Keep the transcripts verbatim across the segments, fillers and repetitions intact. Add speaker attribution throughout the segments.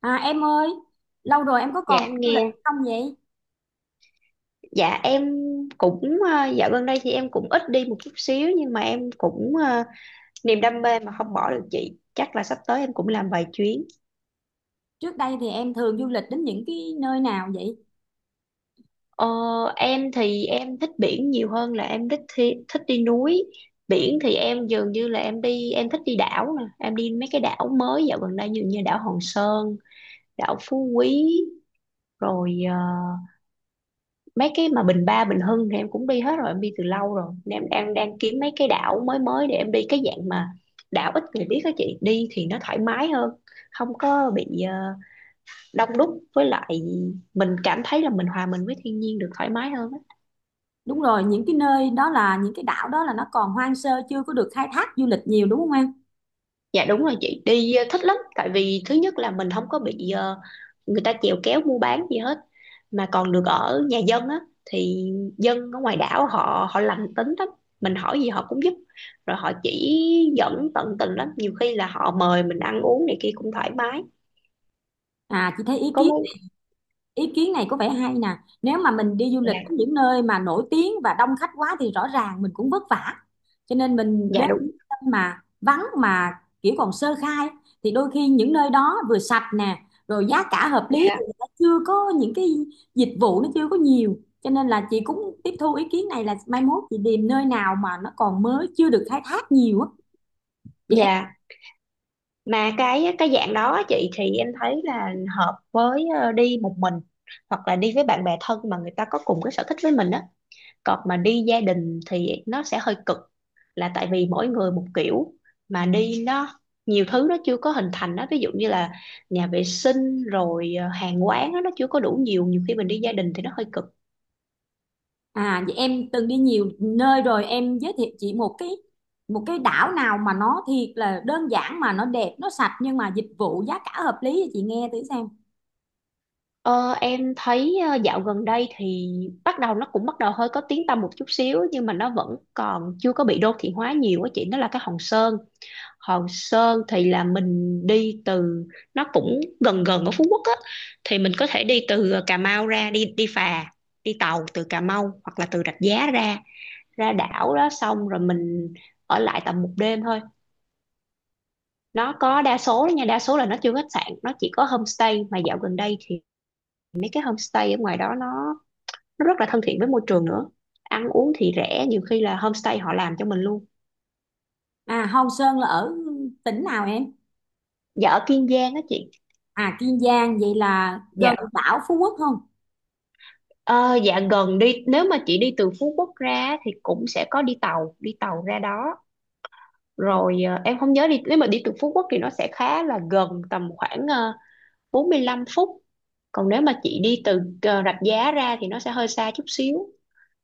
Speaker 1: À em ơi, lâu rồi em có
Speaker 2: Dạ,
Speaker 1: còn
Speaker 2: em
Speaker 1: đi du lịch
Speaker 2: nghe.
Speaker 1: không vậy?
Speaker 2: Dạ em cũng ờ, dạo gần đây thì em cũng ít đi một chút xíu, nhưng mà em cũng ờ, niềm đam mê mà không bỏ được chị, chắc là sắp tới em cũng làm vài chuyến.
Speaker 1: Trước đây thì em thường du lịch đến những cái nơi nào vậy?
Speaker 2: ờ, em thì em thích biển nhiều hơn là em thích thi, thích đi núi. Biển thì em dường như là em đi, em thích đi đảo nè, em đi mấy cái đảo mới dạo gần đây như như đảo Hòn Sơn, đảo Phú Quý, rồi ờ, mấy cái mà Bình Ba, Bình Hưng thì em cũng đi hết rồi, em đi từ lâu rồi nên em đang đang kiếm mấy cái đảo mới mới để em đi, cái dạng mà đảo ít người biết đó chị, đi thì nó thoải mái hơn, không có bị ờ, đông đúc. Với lại mình cảm thấy là mình hòa mình với thiên nhiên được thoải mái hơn á.
Speaker 1: Đúng rồi, những cái nơi đó, là những cái đảo đó, là nó còn hoang sơ, chưa có được khai thác du lịch nhiều đúng không em?
Speaker 2: Dạ đúng rồi chị, đi ờ, thích lắm, tại vì thứ nhất là mình không có bị ờ, người ta chèo kéo mua bán gì hết, mà còn được ở nhà dân á. Thì dân ở ngoài đảo họ họ lành tính lắm, mình hỏi gì họ cũng giúp, rồi họ chỉ dẫn tận tình lắm, nhiều khi là họ mời mình ăn uống này kia cũng thoải mái.
Speaker 1: À, chị thấy ý
Speaker 2: Có
Speaker 1: kiến
Speaker 2: món.
Speaker 1: ý kiến này có vẻ hay nè. Nếu mà mình đi du lịch
Speaker 2: Dạ.
Speaker 1: đến những nơi mà nổi tiếng và đông khách quá thì rõ ràng mình cũng vất vả, cho nên mình
Speaker 2: Dạ
Speaker 1: đến
Speaker 2: đúng.
Speaker 1: những nơi mà vắng, mà kiểu còn sơ khai, thì đôi khi những nơi đó vừa sạch nè, rồi giá cả hợp lý,
Speaker 2: Dạ.
Speaker 1: thì người ta chưa có những cái dịch vụ, nó chưa có nhiều. Cho nên là chị cũng tiếp thu ý kiến này, là mai mốt chị tìm nơi nào mà nó còn mới, chưa được khai thác nhiều á, vậy.
Speaker 2: Dạ, mà cái cái dạng đó chị, thì em thấy là hợp với ờ, đi một mình hoặc là đi với bạn bè thân mà người ta có cùng cái sở thích với mình á. Còn mà đi gia đình thì nó sẽ hơi cực, là tại vì mỗi người một kiểu, mà đi nó nhiều thứ nó chưa có hình thành đó, ví dụ như là nhà vệ sinh, rồi ờ, hàng quán đó, nó chưa có đủ nhiều. Nhiều khi mình đi gia đình thì nó hơi cực.
Speaker 1: À, vậy em từng đi nhiều nơi rồi, em giới thiệu chị một cái một cái đảo nào mà nó thiệt là đơn giản, mà nó đẹp, nó sạch, nhưng mà dịch vụ giá cả hợp lý, cho chị nghe thử xem.
Speaker 2: Ờ, em thấy ờ, dạo gần đây thì bắt đầu nó cũng bắt đầu hơi có tiếng tăm một chút xíu, nhưng mà nó vẫn còn chưa có bị đô thị hóa nhiều á chị, nó là cái Hòn Sơn. Hòn Sơn thì là mình đi từ, nó cũng gần gần ở Phú Quốc á, thì mình có thể đi từ Cà Mau ra, đi đi phà, đi tàu từ Cà Mau hoặc là từ Rạch Giá ra, ra đảo đó. Xong rồi mình ở lại tầm một đêm thôi. Nó có đa số, nha, đa số là nó chưa có khách sạn, nó chỉ có homestay. Mà dạo gần đây thì mấy cái homestay ở ngoài đó nó nó rất là thân thiện với môi trường nữa. Ăn uống thì rẻ, nhiều khi là homestay họ làm cho mình luôn.
Speaker 1: À, Hòn Sơn là ở tỉnh nào em?
Speaker 2: Dạ, ở Kiên Giang á chị.
Speaker 1: À, Kiên Giang, vậy là gần đảo Phú Quốc không?
Speaker 2: Ờ, dạ gần, đi nếu mà chị đi từ Phú Quốc ra thì cũng sẽ có đi tàu, đi tàu ra đó. Rồi ờ, em không nhớ, đi nếu mà đi từ Phú Quốc thì nó sẽ khá là gần, tầm khoảng ờ, bốn lăm phút. Còn nếu mà chị đi từ ờ, Rạch Giá ra thì nó sẽ hơi xa chút xíu.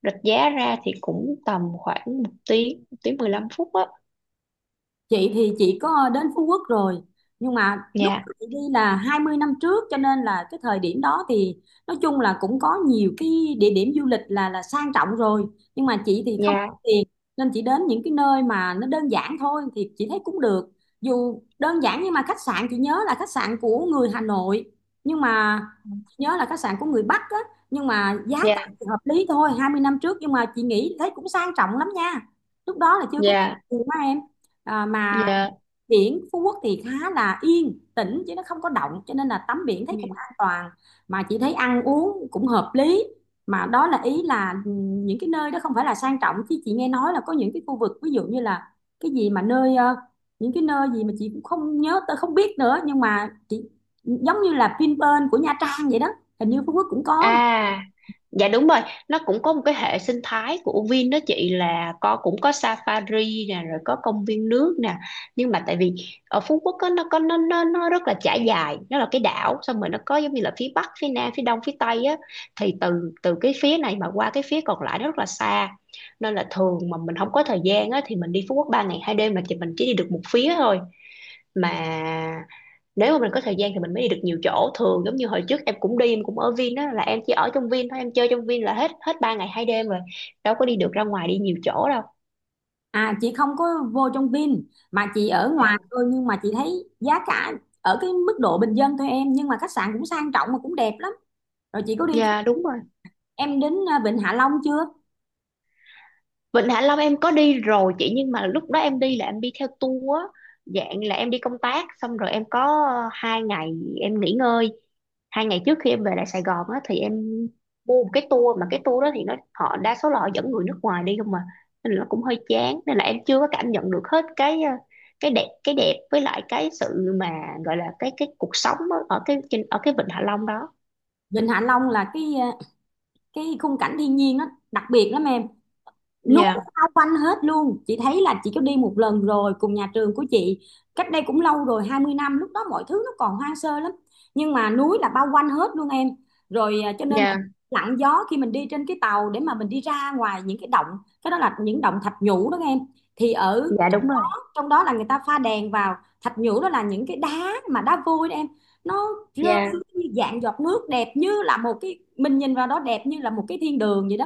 Speaker 2: Rạch Giá ra thì cũng tầm khoảng một tiếng, một tiếng mười lăm phút á.
Speaker 1: Chị thì chị có đến Phú Quốc rồi, nhưng mà lúc
Speaker 2: Dạ.
Speaker 1: chị đi là hai mươi năm trước, cho nên là cái thời điểm đó thì nói chung là cũng có nhiều cái địa điểm du lịch là là sang trọng rồi, nhưng mà chị thì không có
Speaker 2: Dạ.
Speaker 1: tiền, nên chị đến những cái nơi mà nó đơn giản thôi thì chị thấy cũng được. Dù đơn giản nhưng mà khách sạn, chị nhớ là khách sạn của người Hà Nội, nhưng mà chị nhớ là khách sạn của người Bắc á, nhưng mà giá
Speaker 2: Dạ.
Speaker 1: cả thì hợp lý thôi, hai mươi năm trước, nhưng mà chị nghĩ thấy cũng sang trọng lắm nha. Lúc đó là chưa có
Speaker 2: dạ
Speaker 1: tiền mà. À, mà
Speaker 2: dạ
Speaker 1: biển Phú Quốc thì khá là yên tĩnh chứ nó không có động, cho nên là tắm biển thấy cũng
Speaker 2: dạ.
Speaker 1: an toàn. Mà chị thấy ăn uống cũng hợp lý. Mà đó là ý là ừ, những cái nơi đó không phải là sang trọng, chứ chị nghe nói là có những cái khu vực ví dụ như là cái gì mà nơi, ờ, những cái nơi gì mà chị cũng không nhớ, tôi không biết nữa, nhưng mà chị, giống như là Vinpearl của Nha Trang vậy đó, hình như Phú Quốc cũng có.
Speaker 2: À. Dạ đúng rồi, nó cũng có một cái hệ sinh thái của Vin đó chị, là có, cũng có safari nè, rồi có công viên nước nè. Nhưng mà tại vì ở Phú Quốc á, nó có nó nó nó rất là trải dài, nó là cái đảo, xong rồi nó có giống như là phía bắc, phía nam, phía đông, phía tây á, thì từ từ cái phía này mà qua cái phía còn lại nó rất là xa. Nên là thường mà mình không có thời gian á, thì mình đi Phú Quốc ba ngày hai đêm là chị, mình chỉ đi được một phía thôi. Mà nếu mà mình có thời gian thì mình mới đi được nhiều chỗ. Thường giống như hồi trước em cũng đi, em cũng ở Vin á, là em chỉ ở trong Vin thôi, em chơi trong Vin là hết hết ba ngày hai đêm rồi, đâu có đi được ra ngoài đi nhiều chỗ đâu.
Speaker 1: À, chị không có vô trong Vin, mà chị ở
Speaker 2: Dạ.
Speaker 1: ngoài thôi, nhưng mà chị thấy giá cả ở cái mức độ bình dân thôi em, nhưng mà khách sạn cũng sang trọng mà cũng đẹp lắm. Rồi chị có đi,
Speaker 2: Dạ, đúng rồi.
Speaker 1: em đến à, Vịnh Hạ Long chưa?
Speaker 2: Vịnh Hạ Long em có đi rồi chị, nhưng mà lúc đó em đi là em đi theo tour á, dạng là em đi công tác, xong rồi em có ờ, hai ngày em nghỉ ngơi, hai ngày trước khi em về lại Sài Gòn á, thì em mua một cái tour, mà cái tour đó thì nó, họ đa số là họ dẫn người nước ngoài đi không mà, nên là nó cũng hơi chán. Nên là em chưa có cảm nhận được hết cái ờ, cái đẹp, cái đẹp với lại cái sự mà gọi là cái cái cuộc sống á, ở cái trên ở cái Vịnh Hạ Long đó.
Speaker 1: Vịnh Hạ Long là cái, à, cái khung cảnh thiên nhiên nó đặc biệt lắm em. Núi
Speaker 2: Dạ.
Speaker 1: bao quanh hết luôn, chị thấy là chị có đi một lần rồi cùng nhà trường của chị, cách đây cũng lâu rồi, hai mươi năm, lúc đó mọi thứ nó còn hoang sơ lắm, nhưng mà núi là bao quanh hết luôn em. Rồi à, cho nên là
Speaker 2: Dạ.
Speaker 1: lặng gió khi mình đi trên cái tàu để mà mình đi ra ngoài những cái động. Cái đó là những động thạch nhũ đó em, thì ở
Speaker 2: Dạ đúng rồi.
Speaker 1: trong đó là người ta pha đèn vào. Thạch nhũ đó là những cái đá mà đá vôi đó em, nó rơi
Speaker 2: Dạ.
Speaker 1: xuống như dạng giọt nước, đẹp như là một cái, mình nhìn vào đó đẹp như là một cái thiên đường vậy đó.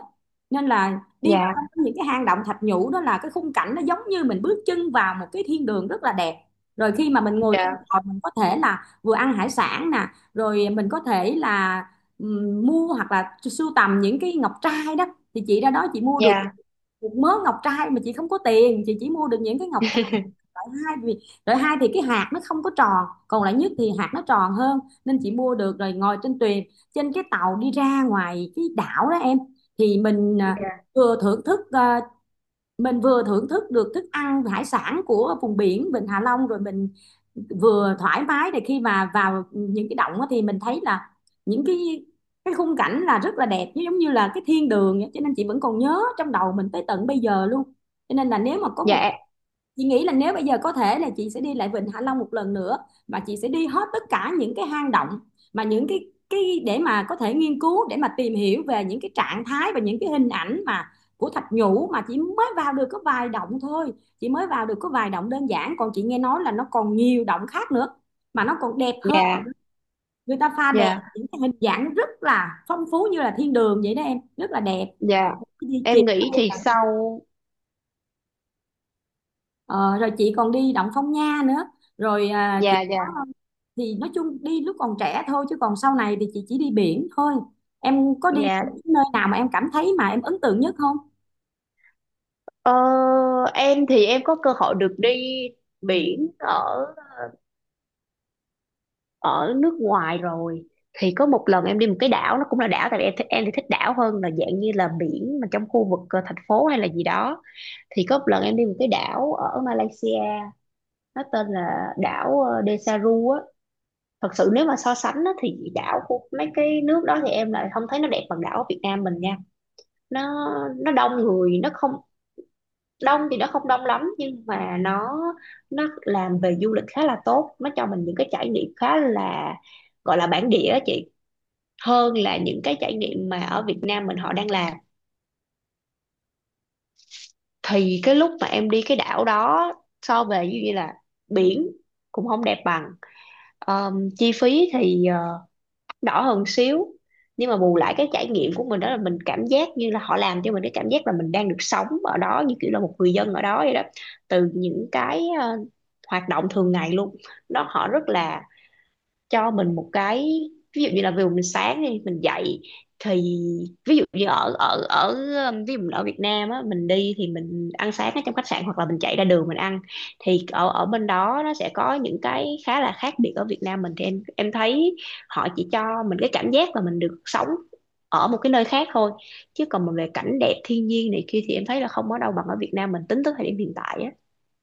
Speaker 1: Nên là đi vào
Speaker 2: Dạ.
Speaker 1: trong những cái hang động thạch nhũ đó là cái khung cảnh nó giống như mình bước chân vào một cái thiên đường rất là đẹp. Rồi khi mà mình ngồi trên
Speaker 2: Dạ.
Speaker 1: tàu, mình có thể là vừa ăn hải sản nè, rồi mình có thể là ừm, mua hoặc là sưu tầm những cái ngọc trai đó. Thì chị ra đó chị mua được
Speaker 2: Dạ.
Speaker 1: một mớ ngọc trai, mà chị không có tiền, chị chỉ mua được những cái ngọc loại hai. Vì loại hai thì cái hạt nó không có tròn, còn loại nhất thì hạt nó tròn hơn, nên chị mua được. Rồi ngồi trên thuyền, trên cái tàu đi ra ngoài cái đảo đó em, thì mình à, vừa thưởng thức, à, mình vừa thưởng thức được thức ăn hải sản của vùng biển Vịnh Hạ Long, rồi mình vừa thoải mái, để khi mà vào những cái động á thì mình thấy là những cái cái khung cảnh là rất là đẹp, giống như là cái thiên đường vậy. Cho nên chị vẫn còn nhớ trong đầu mình tới tận bây giờ luôn. Cho nên là nếu mà có một,
Speaker 2: Dạ.
Speaker 1: chị nghĩ là nếu bây giờ có thể là chị sẽ đi lại Vịnh Hạ Long một lần nữa, và chị sẽ đi hết tất cả những cái hang động, mà những cái cái để mà có thể nghiên cứu, để mà tìm hiểu về những cái trạng thái và những cái hình ảnh mà của thạch nhũ, mà chỉ mới vào được có vài động thôi, chị mới vào được có vài động đơn giản, còn chị nghe nói là nó còn nhiều động khác nữa mà nó còn đẹp hơn.
Speaker 2: Dạ.
Speaker 1: Người ta pha đèn
Speaker 2: Dạ.
Speaker 1: những cái hình dạng rất là phong phú như là thiên đường vậy đó em, rất là đẹp.
Speaker 2: Dạ,
Speaker 1: Chị
Speaker 2: em nghĩ thì sau.
Speaker 1: Ờ, rồi chị còn đi Động Phong Nha nữa, rồi à, chị
Speaker 2: Dạ. Dạ.
Speaker 1: có, thì nói chung đi lúc còn trẻ thôi, chứ còn sau này thì chị chỉ đi biển thôi. Em có đi
Speaker 2: Dạ.
Speaker 1: nơi nào mà em cảm thấy mà em ấn tượng nhất không?
Speaker 2: Ờ, em thì em có cơ hội được đi biển ở ở nước ngoài rồi. Thì có một lần em đi một cái đảo, nó cũng là đảo, tại vì em thích em thì thích đảo hơn là dạng như là biển mà trong khu vực ờ, thành phố hay là gì đó. Thì có một lần em đi một cái đảo ở Malaysia, nó tên là đảo ờ, Desaru á. Thật sự nếu mà so sánh á, thì đảo của mấy cái nước đó thì em lại không thấy nó đẹp bằng đảo ở Việt Nam mình nha. Nó nó đông người, nó không, đông thì nó không đông lắm, nhưng mà nó nó làm về du lịch khá là tốt, nó cho mình những cái trải nghiệm khá là, gọi là bản địa á chị, hơn là những cái trải nghiệm mà ở Việt Nam mình họ đang làm. Thì cái lúc mà em đi cái đảo đó, so về như vậy là biển cũng không đẹp bằng. Ờm, chi phí thì ờ, đỏ hơn xíu, nhưng mà bù lại cái trải nghiệm của mình, đó là mình cảm giác như là họ làm cho mình cái cảm giác là mình đang được sống ở đó như kiểu là một người dân ở đó vậy đó. Từ những cái ờ, hoạt động thường ngày luôn đó, họ rất là cho mình một cái, ví dụ như là ví dụ mình sáng đi mình dậy. Thì ví dụ như ở ở ở um, ví dụ mình ở Việt Nam á, mình đi thì mình ăn sáng ở trong khách sạn hoặc là mình chạy ra đường mình ăn. Thì ở ở bên đó nó sẽ có những cái khá là khác biệt ở Việt Nam mình, thì em em thấy họ chỉ cho mình cái cảm giác là mình được sống ở một cái nơi khác thôi, chứ còn mà về cảnh đẹp thiên nhiên này kia thì em thấy là không có đâu bằng ở Việt Nam mình tính tới thời điểm hiện tại á.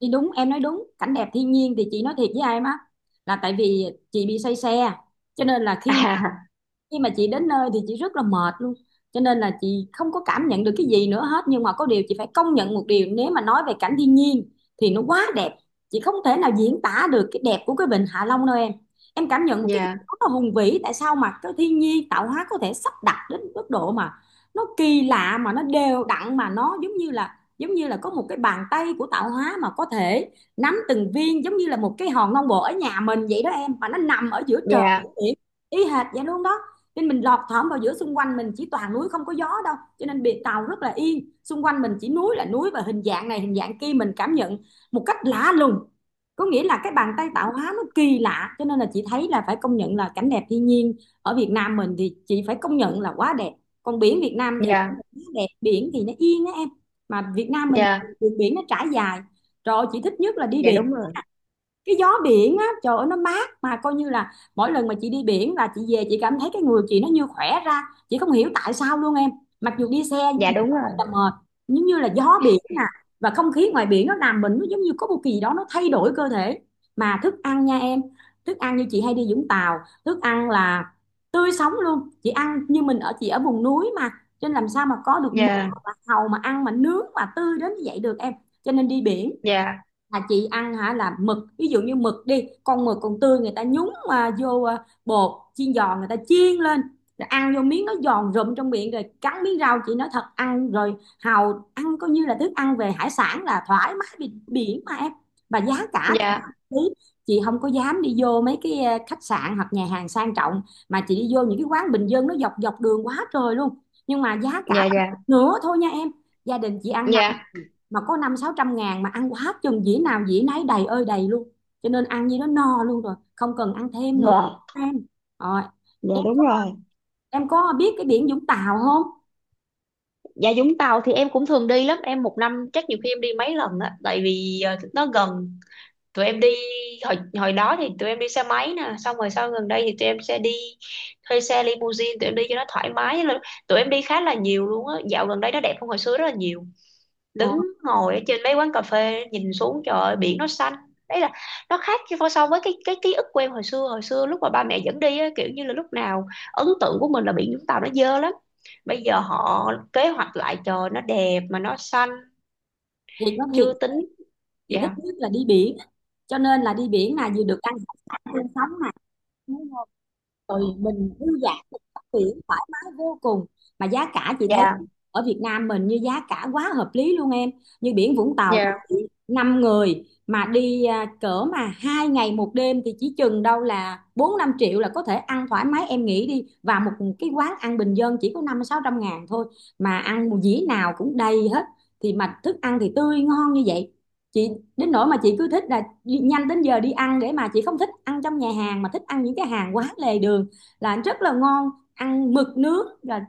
Speaker 1: Thì đúng, em nói đúng, cảnh đẹp thiên nhiên thì chị nói thiệt với em á, là tại vì chị bị say xe, cho nên là khi
Speaker 2: À.
Speaker 1: khi mà chị đến nơi thì chị rất là mệt luôn, cho nên là chị không có cảm nhận được cái gì nữa hết. Nhưng mà có điều chị phải công nhận một điều, nếu mà nói về cảnh thiên nhiên thì nó quá đẹp. Chị không thể nào diễn tả được cái đẹp của cái vịnh Hạ Long đâu em em cảm nhận một cái gì
Speaker 2: Dạ.
Speaker 1: đó rất là hùng vĩ. Tại sao mà cái thiên nhiên tạo hóa có thể sắp đặt đến mức độ mà nó kỳ lạ, mà nó đều đặn, mà nó giống như là, giống như là có một cái bàn tay của tạo hóa mà có thể nắm từng viên, giống như là một cái hòn non bộ ở nhà mình vậy đó em, mà nó nằm ở giữa trời
Speaker 2: Dạ.
Speaker 1: biển, ý hệt vậy luôn đó. Nên mình lọt thỏm vào giữa, xung quanh mình chỉ toàn núi, không có gió đâu, cho nên biệt tàu rất là yên, xung quanh mình chỉ núi là núi, và hình dạng này hình dạng kia, mình cảm nhận một cách lạ lùng, có nghĩa là cái bàn tay tạo hóa nó kỳ lạ. Cho nên là chị thấy là phải công nhận là cảnh đẹp thiên nhiên ở Việt Nam mình thì chị phải công nhận là quá đẹp. Còn biển Việt Nam thì cũng
Speaker 2: Dạ.
Speaker 1: đẹp, biển thì nó yên đó em, mà Việt Nam mình
Speaker 2: Dạ
Speaker 1: đường biển nó trải dài. Rồi chị thích nhất là đi
Speaker 2: dạ
Speaker 1: biển,
Speaker 2: đúng rồi.
Speaker 1: cái gió biển á trời ơi nó mát, mà coi như là mỗi lần mà chị đi biển là chị về chị cảm thấy cái người chị nó như khỏe ra, chị không hiểu tại sao luôn em. Mặc dù đi xe
Speaker 2: Dạ đúng
Speaker 1: rất
Speaker 2: rồi.
Speaker 1: là mệt, nhưng như là gió biển nè, và không khí ngoài biển nó làm mình, nó giống như có một kỳ gì đó nó thay đổi cơ thể. Mà thức ăn nha em, thức ăn như chị hay đi Vũng Tàu, thức ăn là tươi sống luôn. Chị ăn, như mình ở, chị ở vùng núi mà, cho nên làm sao mà có được mực
Speaker 2: Dạ.
Speaker 1: hoặc là hàu mà ăn mà nướng mà tươi đến như vậy được em. Cho nên đi biển
Speaker 2: Dạ.
Speaker 1: là chị ăn hả, là mực, ví dụ như mực đi, con mực còn tươi người ta nhúng mà vô à, bột chiên giòn, người ta chiên lên rồi ăn vô, miếng nó giòn rụm trong miệng, rồi cắn miếng rau, chị nói thật, ăn rồi hàu, ăn coi như là thức ăn về hải sản là thoải mái, biển, biển mà em. Và giá cả thì
Speaker 2: Dạ.
Speaker 1: hợp lý, chị không có dám đi vô mấy cái à, khách sạn hoặc nhà hàng sang trọng, mà chị đi vô những cái quán bình dân nó dọc dọc đường quá trời luôn, nhưng mà giá cả
Speaker 2: Dạ. Dạ.
Speaker 1: bằng một
Speaker 2: Dạ.
Speaker 1: nửa thôi nha em. Gia đình chị ăn năm,
Speaker 2: Dạ,
Speaker 1: mà có năm sáu trăm ngàn mà ăn quá chừng, dĩa nào dĩa nấy đầy ơi đầy luôn, cho nên ăn như đó no luôn rồi, không cần ăn thêm nữa em. Rồi
Speaker 2: dạ
Speaker 1: em
Speaker 2: đúng rồi.
Speaker 1: em có biết cái biển Vũng Tàu không?
Speaker 2: Dạ, Vũng Tàu thì em cũng thường đi lắm em, một năm chắc nhiều khi em đi mấy lần á, tại vì ờ, nó gần. Tụi em đi, hồi hồi đó thì tụi em đi xe máy nè, xong rồi sau gần đây thì tụi em sẽ đi thuê xe limousine tụi em đi cho nó thoải mái. Là- tụi em đi khá là nhiều luôn á, dạo gần đây nó đẹp hơn hồi xưa rất là nhiều,
Speaker 1: ờ,
Speaker 2: đứng ngồi ở trên mấy quán cà phê nhìn xuống, trời ơi, biển nó xanh. Đấy là nó khác chứ, so so với cái cái ký ức quen hồi xưa, hồi xưa lúc mà ba mẹ dẫn đi á, kiểu như là lúc nào ấn tượng của mình là biển Vũng Tàu nó dơ lắm. Bây giờ họ kế hoạch lại, trời, nó đẹp mà nó xanh.
Speaker 1: thì có, thì
Speaker 2: Chưa tính.
Speaker 1: chị thích
Speaker 2: Dạ.
Speaker 1: nhất là đi biển, cho nên là đi biển là vừa được ăn hải sản tươi sống này, rồi mình vui vẻ, mình tắm biển thoải mái vô cùng, mà giá cả chị thấy
Speaker 2: Dạ.
Speaker 1: ở Việt Nam mình như giá cả quá hợp lý luôn em. Như biển Vũng Tàu,
Speaker 2: Dạ.
Speaker 1: năm người mà đi à, cỡ mà hai ngày một đêm thì chỉ chừng đâu là bốn năm triệu là có thể ăn thoải mái em nghĩ đi. Và một cái quán ăn bình dân chỉ có năm sáu trăm ngàn thôi, mà ăn một dĩa nào cũng đầy hết, thì mà thức ăn thì tươi ngon như vậy. Chị đến nỗi mà chị cứ thích là nhanh đến giờ đi ăn, để mà chị không thích ăn trong nhà hàng mà thích ăn những cái hàng quán lề đường là rất là ngon, ăn mực nướng rồi,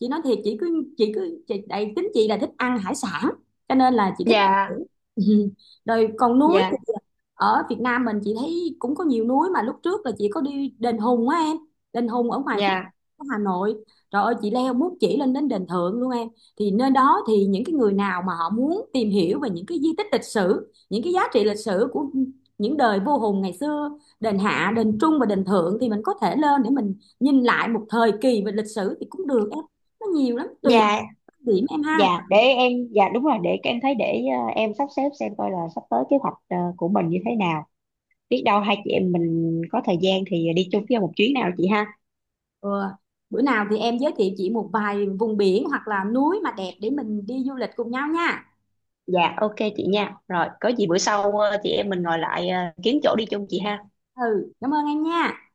Speaker 1: chị nói thiệt, chị cứ chị cứ chị, đây tính chị là thích ăn hải sản, cho nên là chị thích ăn
Speaker 2: Dạ.
Speaker 1: biển. Ừ. Rồi còn núi
Speaker 2: Dạ.
Speaker 1: thì ờ, ở Việt Nam mình chị thấy cũng có nhiều núi, mà lúc trước là chị có đi đền Hùng á em, đền Hùng ở ngoài Phúc,
Speaker 2: Dạ.
Speaker 1: ở Hà Nội, trời ơi chị leo muốn chỉ lên đến đền Thượng luôn em. Thì nơi đó thì những cái người nào mà họ muốn tìm hiểu về những cái di tích lịch sử, những cái giá trị lịch sử của những đời vua Hùng ngày xưa, đền Hạ, đền Trung và đền Thượng, thì mình có thể lên để mình nhìn lại một thời kỳ về lịch sử thì cũng được. Nó nhiều lắm tùy
Speaker 2: Dạ.
Speaker 1: điểm em
Speaker 2: Dạ
Speaker 1: ha.
Speaker 2: để em, dạ đúng rồi, để em thấy, để ờ, em sắp xếp xem coi là sắp tới kế hoạch ờ, của mình như thế nào, biết đâu hai chị em mình có thời gian thì đi chung với nhau một chuyến nào chị ha.
Speaker 1: Ừ. Bữa nào thì em giới thiệu chị một vài vùng biển hoặc là núi mà đẹp để mình đi du lịch cùng nhau nha.
Speaker 2: Dạ, ok chị nha, rồi có gì bữa sau ờ, chị em mình ngồi lại ờ, kiếm chỗ đi chung chị ha.
Speaker 1: Ừ, cảm ơn em nha.